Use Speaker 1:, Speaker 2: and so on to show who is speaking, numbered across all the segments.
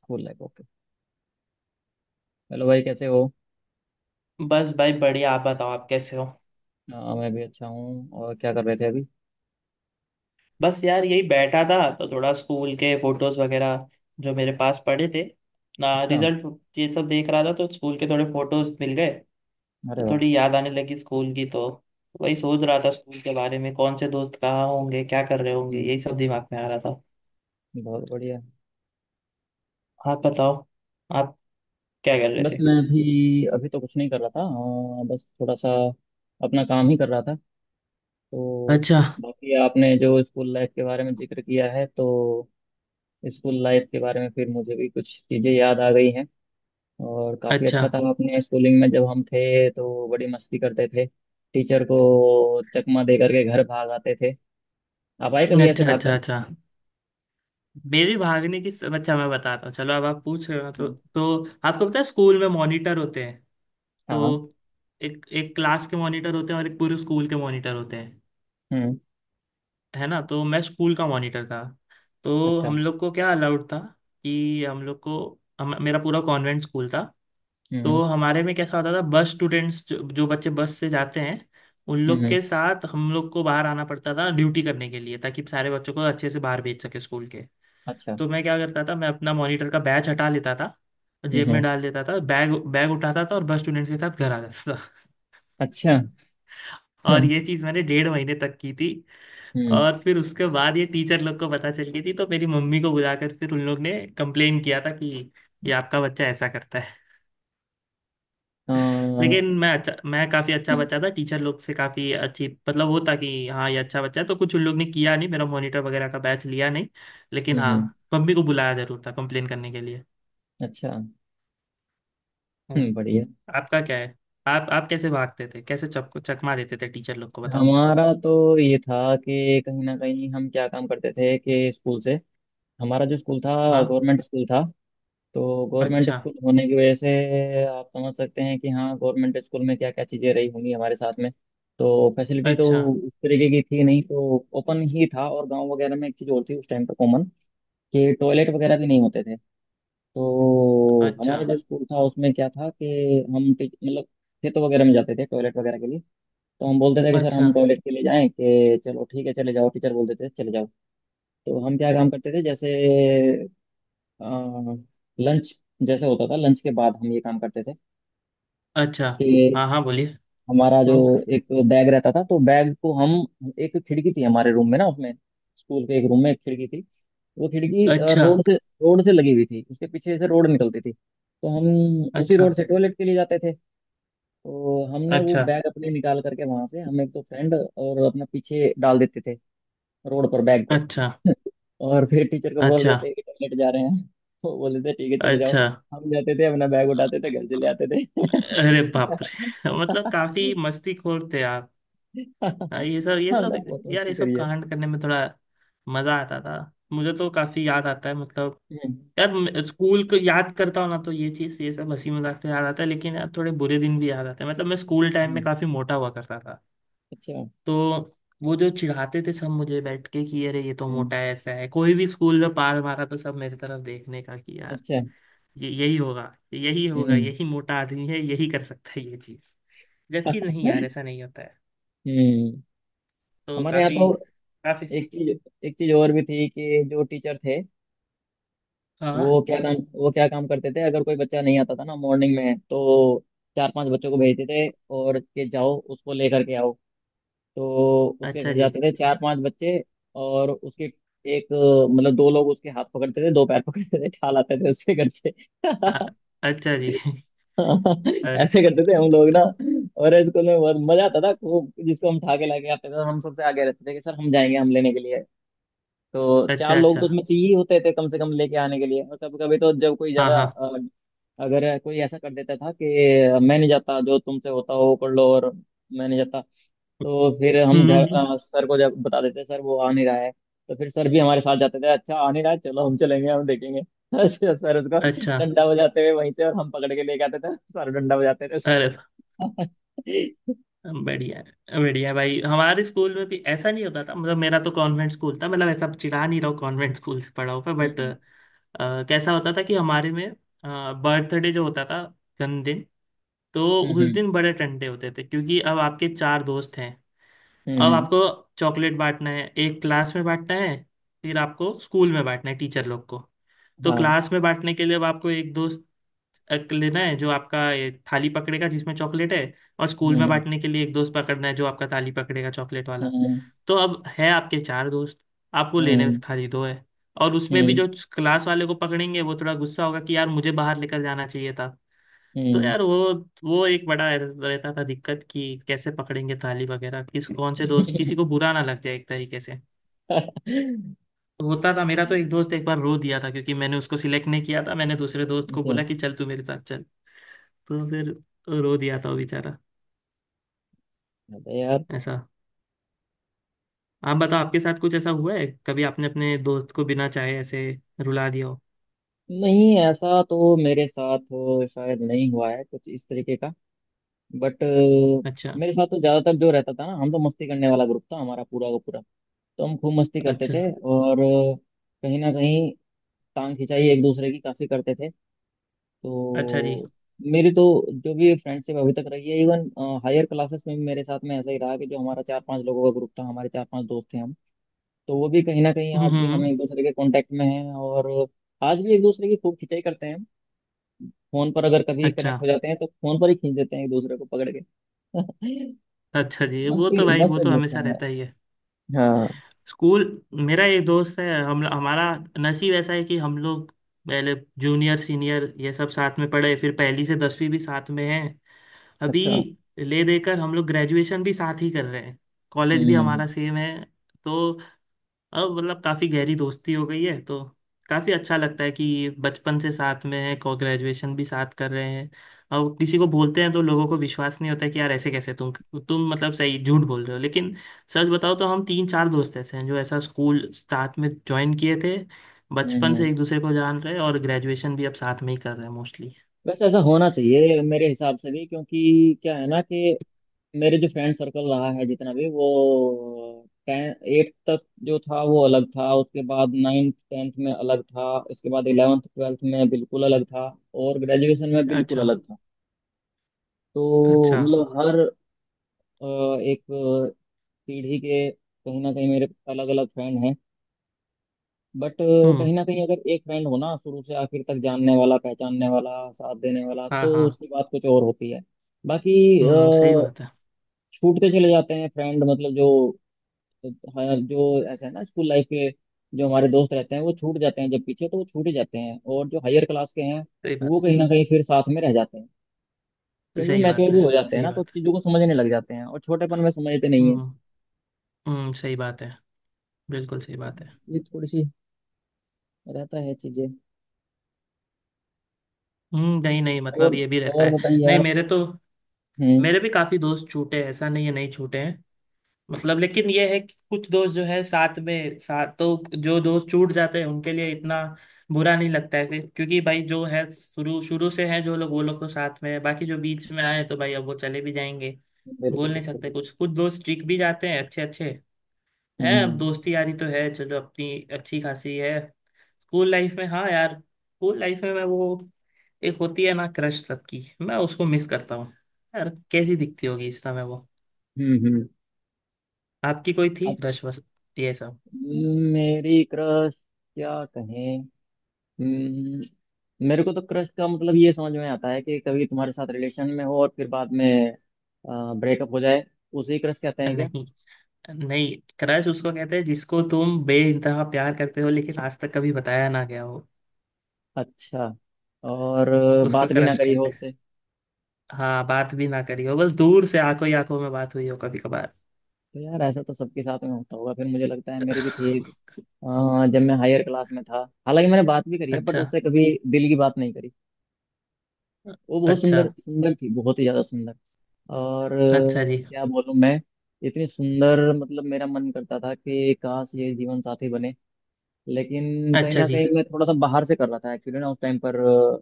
Speaker 1: School life, okay. Hello भाई, कैसे हो?
Speaker 2: बस भाई बढ़िया। आप बताओ आप कैसे हो।
Speaker 1: मैं भी अच्छा हूँ। और क्या कर रहे थे अभी?
Speaker 2: बस यार यही बैठा था तो थोड़ा स्कूल के फोटोज वगैरह जो मेरे पास पड़े थे ना,
Speaker 1: अच्छा।
Speaker 2: रिजल्ट ये सब देख रहा था तो स्कूल के थोड़े फोटोज मिल गए।
Speaker 1: अरे
Speaker 2: तो
Speaker 1: वाह।
Speaker 2: थोड़ी याद आने लगी स्कूल की। तो वही सोच रहा था स्कूल के बारे में, कौन से दोस्त कहाँ होंगे, क्या कर रहे होंगे,
Speaker 1: हम्म,
Speaker 2: यही सब दिमाग में आ रहा था।
Speaker 1: बहुत बढ़िया।
Speaker 2: आप बताओ, आप क्या कर रहे
Speaker 1: बस
Speaker 2: थे।
Speaker 1: मैं भी अभी तो कुछ नहीं कर रहा था, बस थोड़ा सा अपना काम ही कर रहा था तो।
Speaker 2: अच्छा,
Speaker 1: बाकी आपने जो स्कूल लाइफ के बारे में जिक्र किया है, तो स्कूल लाइफ के बारे में फिर मुझे भी कुछ चीज़ें याद आ गई हैं। और काफ़ी अच्छा
Speaker 2: अच्छा,
Speaker 1: था, अपने स्कूलिंग में जब हम थे तो बड़ी मस्ती करते थे। टीचर को चकमा दे करके घर भाग आते थे। आप आए कभी ऐसे
Speaker 2: अच्छा।
Speaker 1: भाग
Speaker 2: अच्छा,
Speaker 1: कर?
Speaker 2: अच्छा, मेरे भागने की सब अच्छा मैं बताता हूँ। चलो, अब आप पूछ रहे हो ना, तो आपको पता है स्कूल में मॉनिटर होते हैं।
Speaker 1: हाँ।
Speaker 2: तो एक एक क्लास के मॉनिटर होते हैं और एक पूरे स्कूल के मॉनिटर होते हैं।
Speaker 1: हम्म।
Speaker 2: है ना, तो मैं स्कूल का मॉनिटर था। तो
Speaker 1: अच्छा।
Speaker 2: हम लोग को क्या अलाउड था कि हम लोग को मेरा पूरा कॉन्वेंट स्कूल था। तो
Speaker 1: हम्म।
Speaker 2: हमारे में कैसा होता था, बस स्टूडेंट्स जो बच्चे बस से जाते हैं उन लोग
Speaker 1: हम्म।
Speaker 2: के साथ हम लोग को बाहर आना पड़ता था ड्यूटी करने के लिए, ताकि सारे बच्चों को अच्छे से बाहर भेज सके स्कूल के।
Speaker 1: अच्छा।
Speaker 2: तो मैं क्या करता था, मैं अपना मॉनिटर का बैच हटा लेता था, जेब
Speaker 1: हम्म,
Speaker 2: में डाल लेता था, बैग बैग उठाता था और बस स्टूडेंट्स के साथ घर आ जाता।
Speaker 1: अच्छा।
Speaker 2: और
Speaker 1: हम्म,
Speaker 2: ये चीज मैंने 1.5 महीने तक की थी।
Speaker 1: हम्म,
Speaker 2: और फिर उसके बाद ये टीचर लोग को पता चल गई थी तो मेरी मम्मी को बुलाकर फिर उन लोग ने कंप्लेन किया था कि ये आपका बच्चा ऐसा करता है। लेकिन
Speaker 1: हम्म,
Speaker 2: मैं अच्छा, मैं काफ़ी अच्छा बच्चा था टीचर लोग से, काफ़ी अच्छी मतलब वो था कि हाँ ये अच्छा बच्चा है, तो कुछ उन लोग ने किया नहीं, मेरा मॉनिटर वगैरह का बैच लिया नहीं। लेकिन
Speaker 1: हम्म,
Speaker 2: हाँ,
Speaker 1: हम्म,
Speaker 2: मम्मी को बुलाया जरूर था कंप्लेन करने के लिए।
Speaker 1: अच्छा।
Speaker 2: हम्म।
Speaker 1: बढ़िया।
Speaker 2: आपका क्या है? आप कैसे भागते थे, कैसे चक चकमा देते थे टीचर लोग को, बताओ।
Speaker 1: हमारा तो ये था कि कहीं ना कहीं हम क्या काम करते थे कि स्कूल से। हमारा जो स्कूल था,
Speaker 2: हाँ।
Speaker 1: गवर्नमेंट स्कूल था। तो गवर्नमेंट
Speaker 2: अच्छा,
Speaker 1: स्कूल होने की वजह से आप समझ सकते हैं कि हाँ, गवर्नमेंट स्कूल में क्या क्या चीज़ें रही होंगी हमारे साथ में। तो फैसिलिटी तो
Speaker 2: अच्छा,
Speaker 1: उस तरीके की थी नहीं, तो ओपन ही था। और गांव वगैरह में एक चीज़ और थी उस टाइम पर कॉमन, कि टॉयलेट वगैरह भी नहीं होते थे। तो
Speaker 2: अच्छा।
Speaker 1: हमारा जो स्कूल था उसमें क्या था कि हम मतलब खेतों वगैरह में जाते थे टॉयलेट वगैरह के लिए। तो हम बोलते थे कि सर
Speaker 2: अच्छा,
Speaker 1: हम टॉयलेट के लिए जाएं, कि चलो ठीक है चले जाओ, टीचर बोलते थे चले जाओ। तो हम क्या काम करते थे जैसे लंच जैसे होता था, लंच के बाद हम ये काम करते
Speaker 2: अच्छा।
Speaker 1: थे।
Speaker 2: हाँ हाँ, बोलिए।
Speaker 1: हमारा जो
Speaker 2: हम्म।
Speaker 1: एक बैग रहता था तो बैग को हम, एक खिड़की थी हमारे रूम में ना उसमें, स्कूल के एक रूम में एक खिड़की थी। वो खिड़की अ,
Speaker 2: अच्छा,
Speaker 1: रोड से रोड से लगी हुई थी, उसके पीछे से रोड निकलती थी तो हम उसी
Speaker 2: अच्छा,
Speaker 1: रोड से टॉयलेट के लिए जाते थे। तो हमने वो
Speaker 2: अच्छा।
Speaker 1: बैग अपने निकाल करके वहां से हम, एक तो फ्रेंड और अपना, पीछे डाल देते थे रोड पर बैग को।
Speaker 2: अच्छा,
Speaker 1: और फिर टीचर को बोल
Speaker 2: अच्छा,
Speaker 1: देते कि टॉयलेट जा रहे हैं। वो बोलते थे ठीक है चले जाओ।
Speaker 2: अच्छा।
Speaker 1: हम जाते थे, अपना बैग उठाते थे, घर चले आते थे।
Speaker 2: अरे बाप रे मतलब काफी मस्तीखोर थे आप।
Speaker 1: हाँ
Speaker 2: हाँ, ये सब ये सब,
Speaker 1: लव, बहुत
Speaker 2: यार
Speaker 1: मस्ती
Speaker 2: ये सब
Speaker 1: करी है।
Speaker 2: कांड करने में थोड़ा मजा आता था। मुझे तो काफी याद आता है, मतलब
Speaker 1: हम्म,
Speaker 2: यार स्कूल को याद करता हूँ ना, तो ये चीज, ये सब हंसी मजाक तो याद आता है, लेकिन यार थोड़े बुरे दिन भी याद आते हैं। मतलब मैं स्कूल टाइम
Speaker 1: हम्म,
Speaker 2: में काफी मोटा हुआ करता था।
Speaker 1: अच्छा।
Speaker 2: तो वो जो चिढ़ाते थे सब मुझे बैठ के कि अरे ये तो
Speaker 1: हम्म,
Speaker 2: मोटा है, ऐसा है, कोई भी स्कूल में पास मारा तो सब मेरी तरफ देखने का कि यार
Speaker 1: अच्छा।
Speaker 2: ये यही होगा, यही होगा,
Speaker 1: हम्म,
Speaker 2: यही मोटा आदमी है, यही कर सकता है ये चीज। जबकि नहीं यार, ऐसा नहीं होता है।
Speaker 1: हम्म।
Speaker 2: तो
Speaker 1: हमारे यहाँ
Speaker 2: काफी,
Speaker 1: तो
Speaker 2: काफी।
Speaker 1: एक चीज एक चीज और भी थी कि जो टीचर थे,
Speaker 2: हाँ,
Speaker 1: वो क्या काम वो क्या काम करते थे अगर कोई बच्चा नहीं आता था ना मॉर्निंग में, तो चार पांच बच्चों को भेजते थे और कि जाओ उसको लेकर के आओ। तो उसके
Speaker 2: अच्छा
Speaker 1: घर
Speaker 2: जी।
Speaker 1: जाते थे चार पांच बच्चे। और उसके एक, मतलब दो लोग उसके हाथ पकड़ते थे, दो पैर पकड़ते थे, ठाल आते थे उसके घर से।
Speaker 2: अ- अच्छा जी अरे,
Speaker 1: ऐसे करते थे हम लोग ना। और स्कूल में बहुत मजा आता था, खूब। जिसको हम ठा के लाके आते थे, हम सबसे आगे रहते थे कि सर हम जाएंगे, हम लेने के लिए। तो चार
Speaker 2: अच्छा,
Speaker 1: लोग
Speaker 2: अच्छा,
Speaker 1: तो
Speaker 2: अच्छा।
Speaker 1: उसमें चाहिए होते थे कम से कम लेके आने के लिए। और कभी कभी तो जब कोई
Speaker 2: हाँ
Speaker 1: ज्यादा
Speaker 2: हाँ।
Speaker 1: अगर कोई ऐसा कर देता था कि मैं नहीं जाता, जो तुमसे होता हो वो कर लो और मैं नहीं जाता, तो फिर हम
Speaker 2: हम्म
Speaker 1: घर,
Speaker 2: हम्म, हम्म।
Speaker 1: सर को जब बता देते, सर वो आ नहीं रहा है। तो फिर सर भी हमारे साथ जाते थे, अच्छा आ नहीं रहा है, चलो हम चलेंगे, हम देखेंगे। अच्छा, सर उसको
Speaker 2: अच्छा।
Speaker 1: डंडा बजाते हुए वहीं से, और हम पकड़ के लेके आते थे, सर डंडा बजाते थे
Speaker 2: अरे
Speaker 1: उसको।
Speaker 2: बढ़िया है, बढ़िया भाई। हमारे स्कूल में भी ऐसा नहीं होता था, मतलब मेरा तो कॉन्वेंट स्कूल था, मतलब ऐसा चिढ़ा नहीं रहा हूँ, कॉन्वेंट स्कूल से पढ़ा हुआ, बट
Speaker 1: हम्म,
Speaker 2: कैसा होता था कि हमारे में बर्थडे जो होता था, जन्मदिन, तो उस
Speaker 1: हम्म,
Speaker 2: दिन बड़े टंटे होते थे क्योंकि अब आपके चार दोस्त हैं,
Speaker 1: हम्म,
Speaker 2: अब आपको चॉकलेट बांटना है, एक क्लास में बांटना है, फिर आपको स्कूल में बांटना है टीचर लोग को। तो
Speaker 1: हाँ,
Speaker 2: क्लास में बांटने के लिए अब आपको एक दोस्त लेना है जो आपका ये थाली पकड़ेगा जिसमें चॉकलेट है, और
Speaker 1: हम्म,
Speaker 2: स्कूल में
Speaker 1: हम्म,
Speaker 2: बांटने के लिए एक दोस्त पकड़ना है जो आपका थाली पकड़ेगा चॉकलेट वाला।
Speaker 1: हम्म,
Speaker 2: तो अब है आपके चार दोस्त, आपको लेने में
Speaker 1: हम्म,
Speaker 2: खाली दो है, और उसमें भी
Speaker 1: हम्म।
Speaker 2: जो क्लास वाले को पकड़ेंगे वो थोड़ा गुस्सा होगा कि यार मुझे बाहर लेकर जाना चाहिए था। तो
Speaker 1: हम्म।
Speaker 2: यार वो एक बड़ा रहता था दिक्कत कि कैसे पकड़ेंगे ताली वगैरह, किस कौन से दोस्त, किसी को बुरा ना लग जाए एक तरीके से। तो होता था, मेरा तो एक दोस्त एक बार रो दिया था क्योंकि मैंने उसको सिलेक्ट नहीं किया था, मैंने दूसरे दोस्त को
Speaker 1: तो
Speaker 2: बोला कि चल तू मेरे साथ चल। तो फिर रो दिया था वो बेचारा
Speaker 1: बात है यार।
Speaker 2: ऐसा। आप बताओ, आपके साथ कुछ ऐसा हुआ है कभी, आपने अपने दोस्त को बिना चाहे ऐसे रुला दिया हो?
Speaker 1: नहीं, ऐसा तो मेरे साथ शायद नहीं हुआ है कुछ इस तरीके का। बट
Speaker 2: अच्छा,
Speaker 1: मेरे साथ तो ज्यादातर जो रहता था ना, हम तो मस्ती करने वाला ग्रुप था हमारा पूरा का पूरा। तो हम खूब मस्ती करते
Speaker 2: अच्छा,
Speaker 1: थे, और कहीं ना कहीं टांग खिंचाई एक दूसरे की काफी करते थे।
Speaker 2: अच्छा जी।
Speaker 1: तो मेरी तो जो भी फ्रेंडशिप अभी तक रही है, इवन हायर क्लासेस में भी मेरे साथ में ऐसा ही रहा कि जो हमारा चार पांच लोगों का ग्रुप था, हमारे चार पांच दोस्त थे हम, तो वो भी कहीं ना कहीं
Speaker 2: हम्म
Speaker 1: आज भी
Speaker 2: हम्म
Speaker 1: हम
Speaker 2: हम्म,
Speaker 1: एक दूसरे के कांटेक्ट में हैं। और आज भी एक दूसरे की खूब खिंचाई करते हैं। फोन पर अगर कभी
Speaker 2: अच्छा।
Speaker 1: कनेक्ट हो जाते हैं तो फोन पर ही खींच देते हैं एक दूसरे को पकड़ के।
Speaker 2: अच्छा जी,
Speaker 1: मस्त,
Speaker 2: वो तो भाई
Speaker 1: मस्त
Speaker 2: वो तो
Speaker 1: ग्रुप था
Speaker 2: हमेशा रहता ही
Speaker 1: हमारा।
Speaker 2: है।
Speaker 1: हाँ।
Speaker 2: स्कूल, मेरा एक दोस्त है, हम हमारा नसीब ऐसा है कि हम लोग पहले जूनियर सीनियर ये सब साथ में पढ़े, फिर पहली से 10वीं भी साथ में है, अभी
Speaker 1: अच्छा।
Speaker 2: ले देकर हम लोग ग्रेजुएशन भी साथ ही कर रहे हैं, कॉलेज भी
Speaker 1: हम्म, हम्म,
Speaker 2: हमारा सेम है। तो अब मतलब काफ़ी गहरी दोस्ती हो गई है, तो काफ़ी अच्छा लगता है कि बचपन से साथ में है को ग्रेजुएशन भी साथ कर रहे हैं। और किसी को बोलते हैं तो लोगों को विश्वास नहीं होता है कि यार ऐसे कैसे तुम मतलब सही झूठ बोल रहे हो, लेकिन सच बताओ तो हम तीन चार दोस्त ऐसे हैं जो ऐसा स्कूल साथ में ज्वाइन किए थे,
Speaker 1: हम्म,
Speaker 2: बचपन से एक दूसरे को जान रहे हैं और ग्रेजुएशन भी अब साथ में ही कर रहे हैं मोस्टली।
Speaker 1: वैसे ऐसा होना चाहिए मेरे हिसाब से भी, क्योंकि क्या है ना कि मेरे जो फ्रेंड सर्कल रहा है जितना भी, वो टेन एट्थ तक जो था वो अलग था, उसके बाद नाइन्थ 10th में अलग था, उसके बाद 11th 12th में बिल्कुल अलग था, और ग्रेजुएशन में बिल्कुल
Speaker 2: अच्छा,
Speaker 1: अलग था। तो
Speaker 2: अच्छा।
Speaker 1: मतलब हर एक पीढ़ी के कहीं ना कहीं मेरे अलग अलग फ्रेंड हैं। बट
Speaker 2: हम्म।
Speaker 1: कहीं ना कहीं अगर एक फ्रेंड हो ना, शुरू से आखिर तक जानने वाला, पहचानने वाला, साथ देने वाला,
Speaker 2: हाँ
Speaker 1: तो
Speaker 2: हाँ।
Speaker 1: उसकी बात कुछ और होती है। बाकी
Speaker 2: सही बात है।
Speaker 1: छूटते चले जाते हैं फ्रेंड, मतलब जो, हाँ, जो ऐसा है ना, स्कूल लाइफ के जो हमारे दोस्त रहते हैं वो छूट जाते हैं, जब पीछे तो वो छूट ही जाते हैं। और जो हायर क्लास के हैं
Speaker 2: सही बात
Speaker 1: वो कहीं ना कहीं फिर साथ में रह जाते हैं,
Speaker 2: है,
Speaker 1: क्योंकि वो
Speaker 2: सही
Speaker 1: मैच्योर
Speaker 2: बात
Speaker 1: भी
Speaker 2: है,
Speaker 1: हो जाते हैं
Speaker 2: सही
Speaker 1: ना, तो
Speaker 2: बात है।
Speaker 1: चीज़ों को समझने लग जाते हैं, और छोटेपन में समझते नहीं है।
Speaker 2: हम्म हम्म, सही बात है, बिल्कुल सही बात है।
Speaker 1: ये थोड़ी सी रहता है चीज़ें।
Speaker 2: हम्म, नहीं नहीं, मतलब
Speaker 1: और
Speaker 2: ये भी रहता
Speaker 1: और
Speaker 2: है।
Speaker 1: बताइए
Speaker 2: नहीं
Speaker 1: आप।
Speaker 2: मेरे तो,
Speaker 1: हम्म।
Speaker 2: मेरे भी काफी दोस्त छूटे हैं, ऐसा नहीं है नहीं छूटे हैं। मतलब लेकिन ये है कि कुछ दोस्त जो है साथ में साथ, तो जो दोस्त छूट जाते हैं उनके लिए इतना बुरा नहीं लगता है फिर, क्योंकि भाई जो है शुरू शुरू से है जो लोग, वो लोग तो साथ में है, बाकी जो बीच में आए तो भाई अब वो चले भी जाएंगे, बोल
Speaker 1: बिल्कुल,
Speaker 2: नहीं
Speaker 1: बिल्कुल,
Speaker 2: सकते।
Speaker 1: बिल्कुल।
Speaker 2: कुछ कुछ दोस्त चिक भी जाते हैं अच्छे अच्छे, हैं
Speaker 1: हम्म,
Speaker 2: अब
Speaker 1: हम्म,
Speaker 2: दोस्ती यारी तो है, चलो अपनी अच्छी खासी है। स्कूल लाइफ में, हाँ यार, स्कूल लाइफ में मैं वो, एक होती है ना क्रश सबकी, मैं उसको मिस करता हूँ। यार कैसी दिखती होगी इस समय वो।
Speaker 1: हम्म, हम्म।
Speaker 2: आपकी कोई थी
Speaker 1: अब
Speaker 2: क्रश, बस ये सब।
Speaker 1: मेरी क्रश, क्या कहें। हम्म, मेरे को तो क्रश का मतलब ये समझ में आता है कि कभी तुम्हारे साथ रिलेशन में हो और फिर बाद में ब्रेकअप हो जाए, उसे क्रश कहते हैं क्या?
Speaker 2: नहीं, नहीं, क्रश उसको कहते हैं जिसको तुम बेइंतहा प्यार करते हो लेकिन आज तक कभी बताया ना गया हो,
Speaker 1: अच्छा। और
Speaker 2: उसको
Speaker 1: बात भी ना
Speaker 2: क्रश
Speaker 1: करी हो
Speaker 2: कहते हैं।
Speaker 1: उससे।
Speaker 2: हाँ, बात भी ना करी हो, बस दूर से आंखों ही आंखों में बात हुई हो कभी कभार।
Speaker 1: तो यार ऐसा तो सबके साथ में होता होगा फिर, मुझे लगता है मेरी भी थी, जब मैं हायर क्लास में था। हालांकि मैंने बात भी करी है, बट
Speaker 2: अच्छा,
Speaker 1: उससे कभी दिल की बात नहीं करी। वो बहुत
Speaker 2: अच्छा।
Speaker 1: सुंदर सुंदर थी, बहुत ही ज्यादा सुंदर। और
Speaker 2: अच्छा जी।
Speaker 1: क्या बोलूं मैं, इतनी सुंदर, मतलब मेरा मन करता था कि काश ये जीवन साथी बने। लेकिन कहीं
Speaker 2: अच्छा
Speaker 1: ना
Speaker 2: जी।
Speaker 1: कहीं मैं थोड़ा सा बाहर से कर रहा था एक्चुअली ना, उस टाइम पर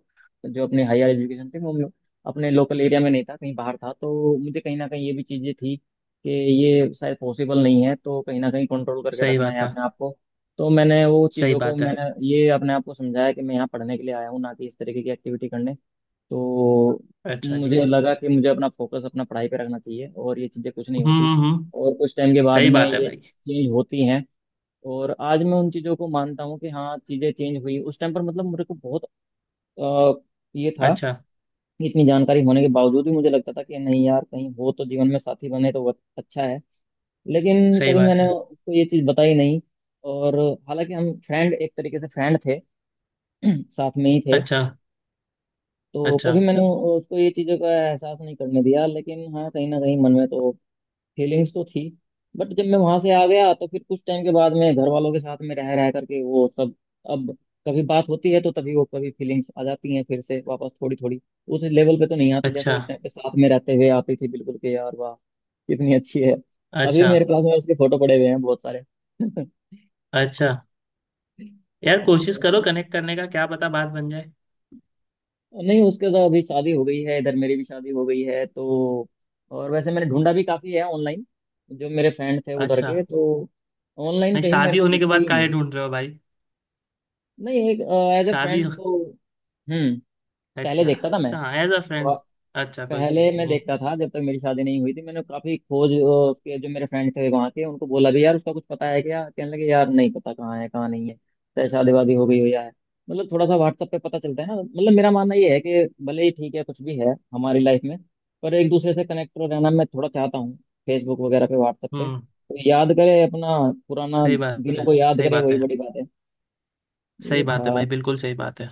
Speaker 1: जो अपनी हायर एजुकेशन थी, वो मैं अपने लोकल एरिया में नहीं था, कहीं बाहर था। तो मुझे कहीं ना कहीं ये भी चीज़ें थी कि ये शायद पॉसिबल नहीं है, तो कहीं ना कहीं कंट्रोल करके
Speaker 2: सही
Speaker 1: रखना है
Speaker 2: बात है,
Speaker 1: अपने आप को। तो मैंने वो
Speaker 2: सही
Speaker 1: चीज़ों को,
Speaker 2: बात है।
Speaker 1: मैंने ये अपने आप को समझाया कि मैं यहाँ पढ़ने के लिए आया हूँ, ना कि इस तरीके की एक्टिविटी करने। तो
Speaker 2: अच्छा जी।
Speaker 1: मुझे लगा कि मुझे अपना फोकस अपना पढ़ाई पे रखना चाहिए, और ये चीज़ें कुछ नहीं होती।
Speaker 2: हम्म।
Speaker 1: और कुछ टाइम के बाद
Speaker 2: सही
Speaker 1: में
Speaker 2: बात है
Speaker 1: ये
Speaker 2: भाई।
Speaker 1: चेंज होती हैं। और आज मैं उन चीज़ों को मानता हूँ कि हाँ, चीज़ें चेंज हुई। उस टाइम पर मतलब मेरे को बहुत अ, ये था
Speaker 2: अच्छा।
Speaker 1: कि इतनी जानकारी होने के बावजूद भी मुझे लगता था कि नहीं यार, कहीं हो तो जीवन में साथी बने तो बहुत अच्छा है। लेकिन
Speaker 2: सही
Speaker 1: कभी
Speaker 2: बात
Speaker 1: मैंने
Speaker 2: है।
Speaker 1: उसको ये चीज़ बताई नहीं। और हालांकि हम फ्रेंड, एक तरीके से फ्रेंड थे, साथ में ही थे।
Speaker 2: अच्छा,
Speaker 1: तो
Speaker 2: अच्छा,
Speaker 1: कभी मैंने उसको ये चीज़ों का एहसास नहीं करने दिया, लेकिन हाँ कहीं ना कहीं मन में तो फीलिंग्स तो थी। बट जब मैं वहां से आ गया तो फिर कुछ टाइम के बाद, मैं घर वालों के साथ में रह रह करके वो सब। अब कभी बात होती है तो तभी वो कभी फीलिंग्स आ जाती हैं फिर से वापस, थोड़ी थोड़ी। उस लेवल पे तो नहीं आती जैसे
Speaker 2: अच्छा,
Speaker 1: उस टाइम पे साथ में रहते हुए आती थी बिल्कुल, कि यार वाह कितनी अच्छी है। अभी
Speaker 2: अच्छा,
Speaker 1: मेरे पास में उसके फोटो पड़े हुए हैं बहुत सारे।
Speaker 2: अच्छा।
Speaker 1: अ,
Speaker 2: यार कोशिश करो कनेक्ट करने का, क्या पता बात बन जाए।
Speaker 1: नहीं, उसके तो अभी शादी हो गई है, इधर मेरी भी शादी हो गई है तो। और वैसे मैंने ढूंढा भी काफी है ऑनलाइन, जो मेरे फ्रेंड थे उधर
Speaker 2: अच्छा।
Speaker 1: के, तो ऑनलाइन
Speaker 2: नहीं,
Speaker 1: कहीं मेरे
Speaker 2: शादी
Speaker 1: को
Speaker 2: होने के
Speaker 1: दिखी
Speaker 2: बाद
Speaker 1: ही
Speaker 2: काहे
Speaker 1: नहीं।
Speaker 2: ढूंढ रहे हो भाई?
Speaker 1: नहीं, एक, एज ए
Speaker 2: शादी
Speaker 1: फ्रेंड
Speaker 2: हो।
Speaker 1: तो। हम्म। पहले
Speaker 2: अच्छा।
Speaker 1: देखता था मैं,
Speaker 2: हाँ, एज अ फ्रेंड। अच्छा, कोई
Speaker 1: पहले मैं
Speaker 2: सीधी है?
Speaker 1: देखता था जब तक मेरी शादी नहीं हुई थी, मैंने काफी खोज, उसके जो मेरे फ्रेंड थे वहाँ के, उनको बोला भी यार उसका कुछ पता है क्या, कहने लगे यार नहीं पता कहाँ है कहाँ नहीं है, चाहे शादी वादी हो गई हो या है। मतलब थोड़ा सा WhatsApp पे पता चलता है ना, मतलब मेरा मानना ये है कि भले ही ठीक है कुछ भी है हमारी लाइफ में, पर एक दूसरे से कनेक्ट रहना मैं थोड़ा चाहता हूँ। फेसबुक वगैरह पे, WhatsApp पे
Speaker 2: हम्म।
Speaker 1: तो याद करे, अपना पुराना
Speaker 2: सही बात
Speaker 1: दिनों
Speaker 2: है।
Speaker 1: को याद
Speaker 2: सही
Speaker 1: करे,
Speaker 2: बात
Speaker 1: वही
Speaker 2: है।
Speaker 1: बड़ी बात है।
Speaker 2: सही
Speaker 1: ये था।
Speaker 2: बात है भाई, बिल्कुल सही बात है।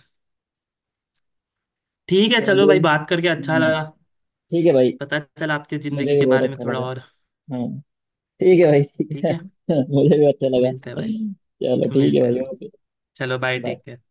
Speaker 2: ठीक है, चलो
Speaker 1: चलिए,
Speaker 2: भाई, बात करके अच्छा लगा।
Speaker 1: ठीक है भाई।
Speaker 2: पता चला आपकी जिंदगी
Speaker 1: मुझे भी
Speaker 2: के
Speaker 1: बहुत
Speaker 2: बारे में
Speaker 1: अच्छा
Speaker 2: थोड़ा
Speaker 1: लगा।
Speaker 2: और।
Speaker 1: हाँ, ठीक है भाई, ठीक
Speaker 2: ठीक
Speaker 1: है।
Speaker 2: है,
Speaker 1: मुझे भी अच्छा लगा।
Speaker 2: मिलते हैं भाई।
Speaker 1: चलो
Speaker 2: मिलते
Speaker 1: ठीक है
Speaker 2: हैं
Speaker 1: भाई,
Speaker 2: मिलते हैं।
Speaker 1: ओके।
Speaker 2: चलो बाय,
Speaker 1: बाय।
Speaker 2: ठीक है।